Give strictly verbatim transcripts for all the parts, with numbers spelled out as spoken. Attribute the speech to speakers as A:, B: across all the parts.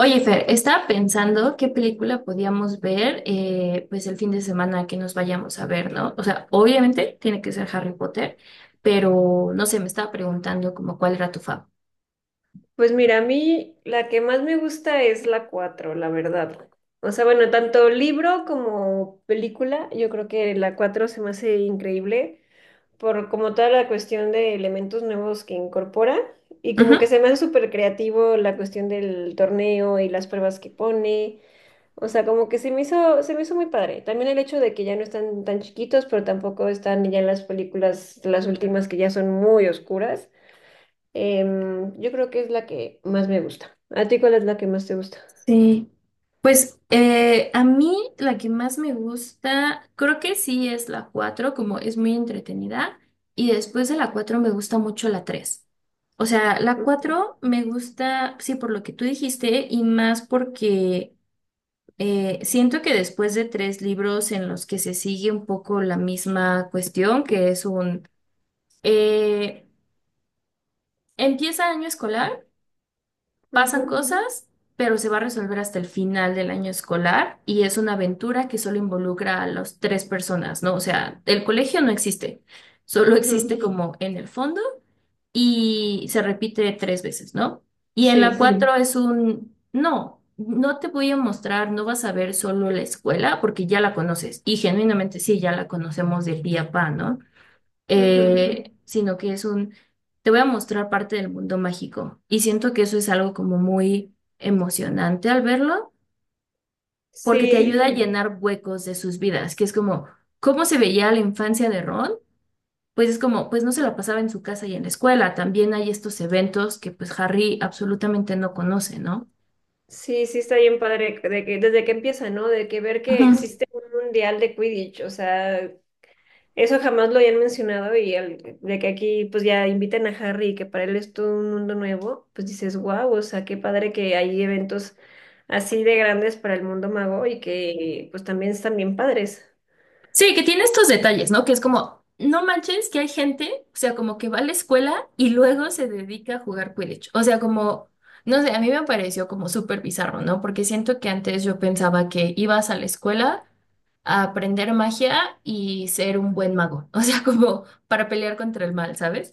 A: Oye, Fer, estaba pensando qué película podíamos ver eh, pues el fin de semana que nos vayamos a ver, ¿no? O sea, obviamente tiene que ser Harry Potter, pero no sé, me estaba preguntando como cuál era tu fav.
B: Pues mira, a mí la que más me gusta es la cuatro, la verdad. O sea, bueno, tanto libro como película, yo creo que la cuatro se me hace increíble por como toda la cuestión de elementos nuevos que incorpora y como
A: Ujú.
B: que se me hace súper creativo la cuestión del torneo y las pruebas que pone. O sea, como que se me hizo, se me hizo muy padre. También el hecho de que ya no están tan chiquitos, pero tampoco están ya en las películas, las últimas que ya son muy oscuras. Em, yo creo que es la que más me gusta. ¿A ti cuál es la que más te gusta?
A: Sí, pues eh, a mí la que más me gusta, creo que sí es la cuatro como es muy entretenida, y después de la cuatro me gusta mucho la tres. O sea, la
B: Ujú,
A: cuatro me gusta, sí, por lo que tú dijiste, y más porque eh, siento que después de tres libros en los que se sigue un poco la misma cuestión, que es un... eh, empieza año escolar. Pasan
B: ujú,
A: cosas, pero se va a resolver hasta el final del año escolar y es una aventura que solo involucra a las tres personas, ¿no? O sea, el colegio no existe, solo
B: ujú.
A: existe como en el fondo y se repite tres veces, ¿no? Y en la
B: Sí,
A: cuatro es un, no, no te voy a mostrar, no vas a ver solo la escuela porque ya la conoces y genuinamente sí, ya la conocemos del día a pa, ¿no?
B: ujú.
A: eh, sino que es un, te voy a mostrar parte del mundo mágico. Y siento que eso es algo como muy emocionante al verlo, porque te
B: Sí,
A: ayuda a llenar huecos de sus vidas, que es como, ¿cómo se veía la infancia de Ron? Pues es como, pues no se la pasaba en su casa y en la escuela. También hay estos eventos que pues Harry absolutamente no conoce, ¿no?
B: sí, sí está bien padre de que desde que empieza, ¿no? De que ver que
A: Ujú.
B: existe un mundial de Quidditch, o sea, eso jamás lo habían mencionado y el- de que aquí pues ya inviten a Harry y que para él es todo un mundo nuevo, pues dices, wow, o sea, qué padre que hay eventos así de grandes para el mundo mago y que pues también están bien padres.
A: Sí, que tiene estos detalles, ¿no? Que es como, no manches que hay gente, o sea, como que va a la escuela y luego se dedica a jugar Quidditch. O sea, como, no sé, a mí me pareció como súper bizarro, ¿no? Porque siento que antes yo pensaba que ibas a la escuela a aprender magia y ser un buen mago, o sea, como para pelear contra el mal, ¿sabes?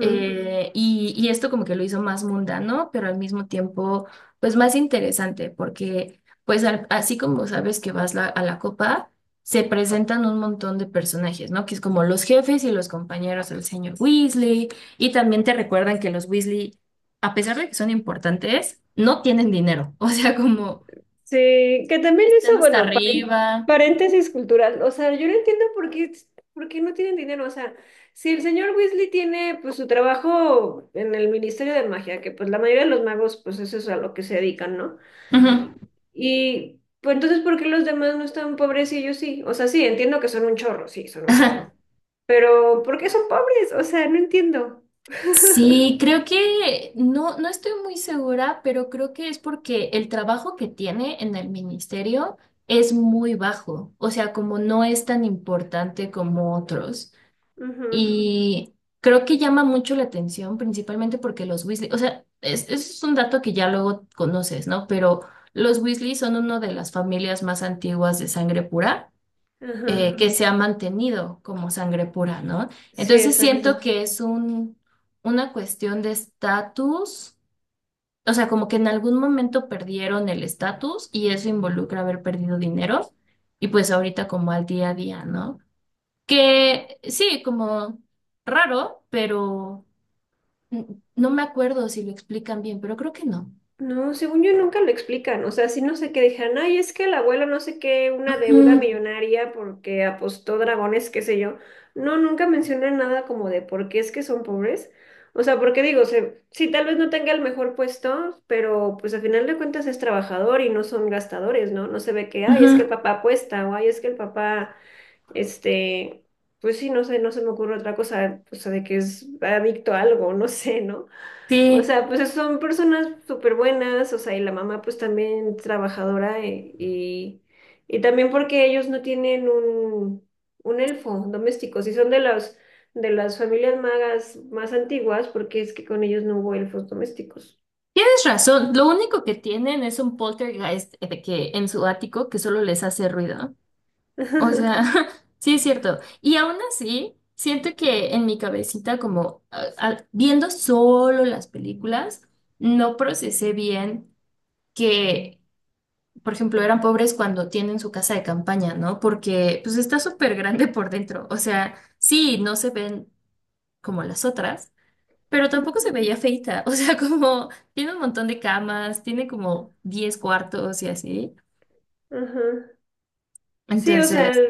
A: Eh, y, y esto como que lo hizo más mundano, pero al mismo tiempo, pues más interesante, porque pues al- así como sabes que vas la- a la copa, se presentan un montón de personajes, ¿no? Que es como los jefes y los compañeros del señor Weasley, y también te recuerdan que los Weasley, a pesar de que son importantes, no tienen dinero, o sea, como
B: Sí, que también
A: están
B: eso,
A: hasta
B: bueno, paren-
A: arriba.
B: paréntesis cultural. O sea, yo no entiendo por qué, por qué no tienen dinero. O sea, si el señor Weasley tiene pues su trabajo en el Ministerio de Magia, que pues la mayoría de los magos, pues eso es a lo que se dedican, ¿no?
A: Ujú.
B: Y pues entonces, ¿por qué los demás no están pobres y ellos sí? O sea, sí, entiendo que son un chorro, sí, son un chorro. Pero, ¿por qué son pobres? O sea, no entiendo.
A: Sí, creo que no, no estoy muy segura, pero creo que es porque el trabajo que tiene en el ministerio es muy bajo, o sea, como no es tan importante como otros.
B: Ujú,
A: Y creo que llama mucho la atención, principalmente porque los Weasley, o sea, es, es un dato que ya luego conoces, ¿no? Pero los Weasley son una de las familias más antiguas de sangre pura eh,
B: ajá.
A: que se ha mantenido como sangre pura, ¿no?
B: Sí,
A: Entonces siento
B: exacto.
A: que es un, una cuestión de estatus, o sea, como que en algún momento perdieron el estatus y eso involucra haber perdido dinero y pues ahorita como al día a día, ¿no? Que sí, como raro, pero n- no me acuerdo si lo explican bien, pero creo que no.
B: No, según yo nunca lo explican, o sea, sí no sé qué dejan, ay, es que el abuelo no sé qué, una deuda
A: Ujú,
B: millonaria porque apostó dragones, qué sé yo. No, nunca mencionan nada como de por qué es que son pobres. O sea, porque digo, se, sí, tal vez no tenga el mejor puesto, pero pues al final de cuentas es trabajador y no son gastadores, ¿no? No se ve que, ay, es que
A: ujú,
B: el papá apuesta o ay, es que el papá, este, pues sí, no sé, no se me ocurre otra cosa, o sea, de que es adicto a algo, no sé, ¿no? O
A: sí.
B: sea, pues son personas súper buenas, o sea, y la mamá pues también trabajadora eh, y, y también porque ellos no tienen un, un elfo doméstico, si son de las, de las familias magas más antiguas, porque es que con ellos no hubo elfos domésticos.
A: Tienes razón, lo único que tienen es un poltergeist de que en su ático que solo les hace ruido. O sea,
B: Ajá.
A: sí es cierto. Y aún así, siento que en mi cabecita, como a- a- viendo solo las películas, no procesé bien que, por ejemplo, eran pobres cuando tienen su casa de campaña, ¿no? Porque pues está súper grande por dentro. O sea, sí, no se ven como las otras pero tampoco se veía feita, o sea, como tiene un montón de camas, tiene como diez cuartos y así.
B: Sí, o sea,
A: Entonces,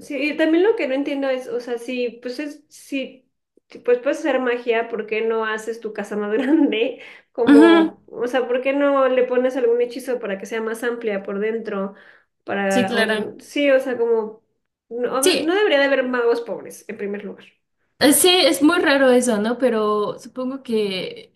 B: sí, y también lo que no entiendo es, o sea, si, pues es, si, si, pues puedes hacer magia, ¿por qué no haces tu casa más grande?
A: ujú,
B: Como, o sea, ¿por qué no le pones algún hechizo para que sea más amplia por dentro?
A: sí,
B: Para, o n-
A: claro.
B: sí, o sea, como, no,
A: Sí,
B: no debería de haber magos pobres, en primer lugar.
A: Eh, Sí, es muy raro eso, ¿no? Pero supongo que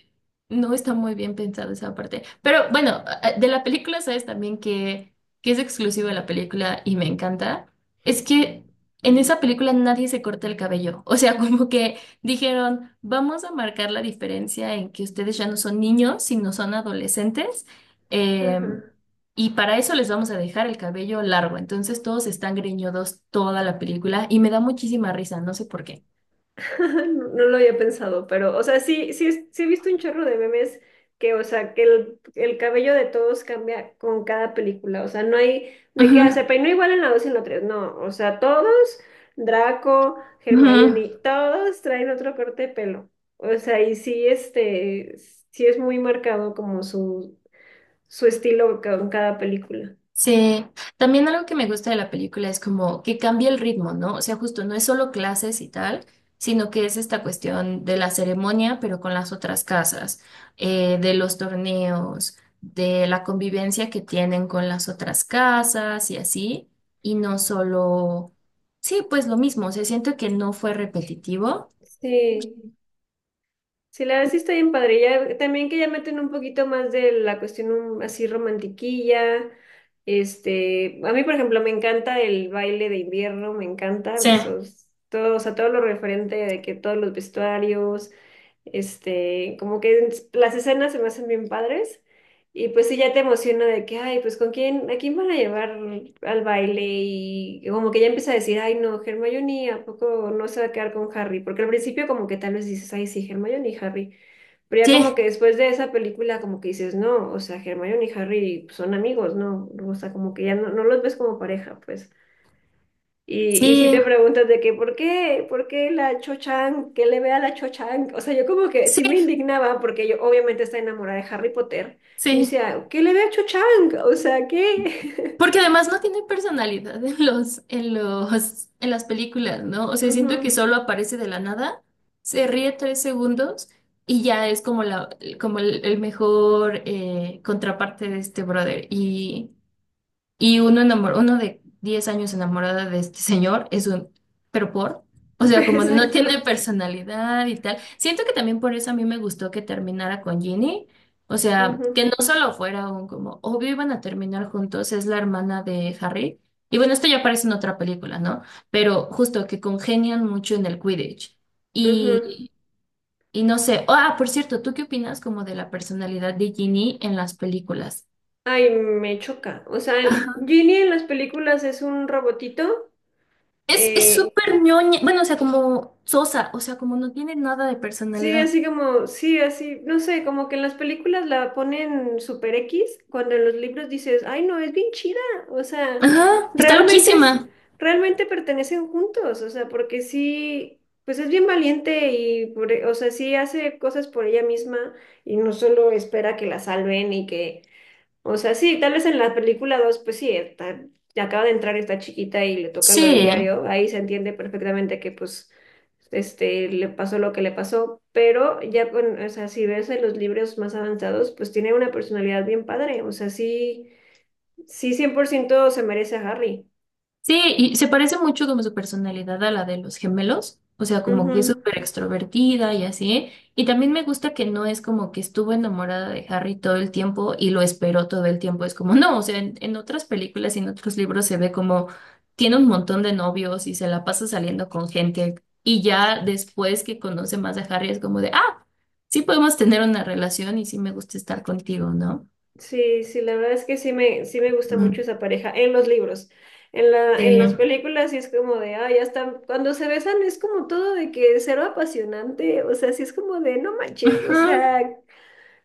A: no está muy bien pensado esa parte. Pero bueno, a- a- de la película sabes también que, que, es exclusivo de la película y me encanta. Es que en esa película nadie se corta el cabello. O sea, como que dijeron, vamos a marcar la diferencia en que ustedes ya no son niños, sino son adolescentes. em,
B: Ajá.
A: y para eso les vamos a dejar el cabello largo. Entonces todos están greñudos toda la película y me da muchísima risa, no sé por qué.
B: No no lo había pensado, pero, o sea, sí, sí, es- sí he visto un chorro de memes que, o sea, que el, el cabello de todos cambia con cada película, o sea, no hay de qué hacer,
A: Ujú,
B: pero no igual en la dos y en la tres no, o sea, todos, Draco,
A: ujú.
B: Hermione, todos traen otro corte de pelo, o sea, y sí, este, sí es muy marcado como su, su estilo con cada película.
A: Sí, también algo que me gusta de la película es como que cambia el ritmo, ¿no? O sea, justo no es solo clases y tal, sino que es esta cuestión de la ceremonia, pero con las otras casas, eh, de los torneos, de la convivencia que tienen con las otras casas y así, y no solo, sí, pues lo mismo, o sea, siento que no fue repetitivo.
B: Sí. Sí, la verdad sí está bien padre. Ya, también que ya meten un poquito más de la cuestión um, así romantiquilla. Este, a mí, por ejemplo, me encanta el baile de invierno, me encanta
A: Sí,
B: esos, todo, o sea, todo lo referente de que todos los vestuarios, este, como que en- las escenas se me hacen bien padres. Y pues sí, ya te emociona de que, ay, pues con quién, a quién van a llevar al baile y como que ya empieza a decir, ay, no, Hermione, ¿a poco no se va a quedar con Harry? Porque al principio como que tal vez dices, ay, sí, Hermione y Harry, pero ya como
A: sí,
B: que después de esa película como que dices, no, o sea, Hermione y Harry pues, son amigos, ¿no? O sea, como que ya no, no los ves como pareja, pues. Y, y si
A: sí,
B: te preguntas de que, ¿por qué? ¿Por qué la Cho-Chang? ¿Qué le ve a la Cho-Chang? O sea, yo como que
A: sí,
B: sí me indignaba porque yo obviamente está enamorada de Harry Potter. Y
A: sí.
B: decía, ¿qué le ve a Cho-Chang? O sea, ¿qué?
A: Porque además no tiene personalidad en los, en los, en las películas, ¿no? O sea, siento que
B: Ujú,
A: solo aparece de la nada, se ríe tres segundos y ya es como la, como el, el mejor eh, contraparte de este brother. Y y uno enamor- uno de diez años enamorada de este señor es un, pero por, o sea,
B: pues,
A: como no tiene
B: exacto.
A: personalidad y tal. Siento que también por eso a mí me gustó que terminara con Ginny. O sea,
B: Ujú,
A: que no solo fuera un como, obvio iban a terminar juntos, es la hermana de Harry. Y bueno, esto ya aparece en otra película, ¿no? Pero justo que congenian mucho en el Quidditch.
B: ujú.
A: Y, y no sé, ah, por cierto, ¿tú qué opinas como de la personalidad de Ginny en las películas?
B: Ay, me choca. O sea, el- Ginny en las películas es un robotito.
A: Es, es
B: eh,
A: súper ñoña, bueno, o sea, como sosa, o sea, como no tiene nada de
B: Sí,
A: personalidad.
B: así como, sí, así, no sé, como que en las películas la ponen super X, cuando en los libros dices, ay, no, es bien chida, o sea,
A: Ajá, está
B: realmente es,
A: loquísima.
B: realmente pertenecen juntos, o sea, porque sí, pues es bien valiente y, por, e- o sea, sí hace cosas por ella misma y no solo espera que la salven y que o sea, sí, tal vez en la película dos pues sí, está- acaba de entrar esta chiquita y le toca lo
A: Sí.
B: del diario, ahí se entiende perfectamente que pues este le pasó lo que le pasó, pero ya con, o sea, si ves en los libros más avanzados, pues tiene una personalidad bien padre, o sea, sí, sí cien por ciento se merece a Harry.
A: Sí, y se parece mucho como su personalidad a la de los gemelos, o sea, como que es
B: Ujú.
A: súper extrovertida y así. Y también me gusta que no es como que estuvo enamorada de Harry todo el tiempo y lo esperó todo el tiempo. Es como, no, o sea, en, en otras películas y en otros libros se ve como tiene un montón de novios y se la pasa saliendo con gente. Y ya después que conoce más a Harry es como de, ah, sí podemos tener una relación y sí me gusta estar contigo, ¿no?
B: Sí, sí, la verdad es que sí me, sí me gusta mucho
A: Mm.
B: esa pareja en los libros. En la, en las
A: Sí.
B: películas sí es como de, ah, ya están, cuando se besan es como todo de que cero apasionante, o sea, sí es como de, no manches, o
A: Ujú.
B: sea,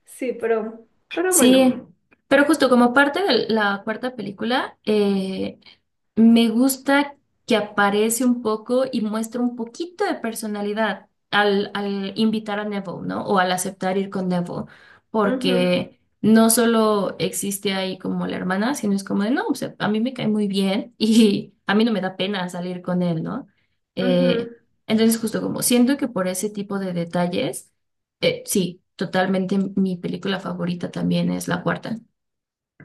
B: sí, pero, pero bueno,
A: Sí, pero justo como parte de la cuarta película, eh, me gusta que aparece un poco y muestra un poquito de personalidad al, al invitar a Neville, ¿no? O al aceptar ir con Neville,
B: ujú,
A: porque no solo existe ahí como la hermana, sino es como de, no, o sea, a mí me cae muy bien y a mí no me da pena salir con él, ¿no? Eh,
B: ujú.
A: entonces justo como siento que por ese tipo de detalles eh, sí, totalmente mi película favorita también es la cuarta.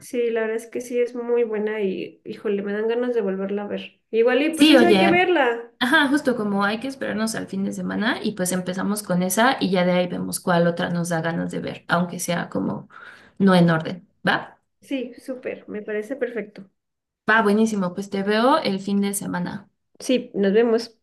B: Sí, la verdad es que sí es muy buena y, híjole, me dan ganas de volverla a ver. Igual y pues
A: Sí,
B: esa hay que
A: oye,
B: verla.
A: ajá, justo como hay que esperarnos al fin de semana y pues empezamos con esa y ya de ahí vemos cuál otra nos da ganas de ver, aunque sea como no en orden, ¿va?
B: Sí, súper, me parece perfecto.
A: Va, buenísimo, pues te veo el fin de semana.
B: Sí, nos vemos.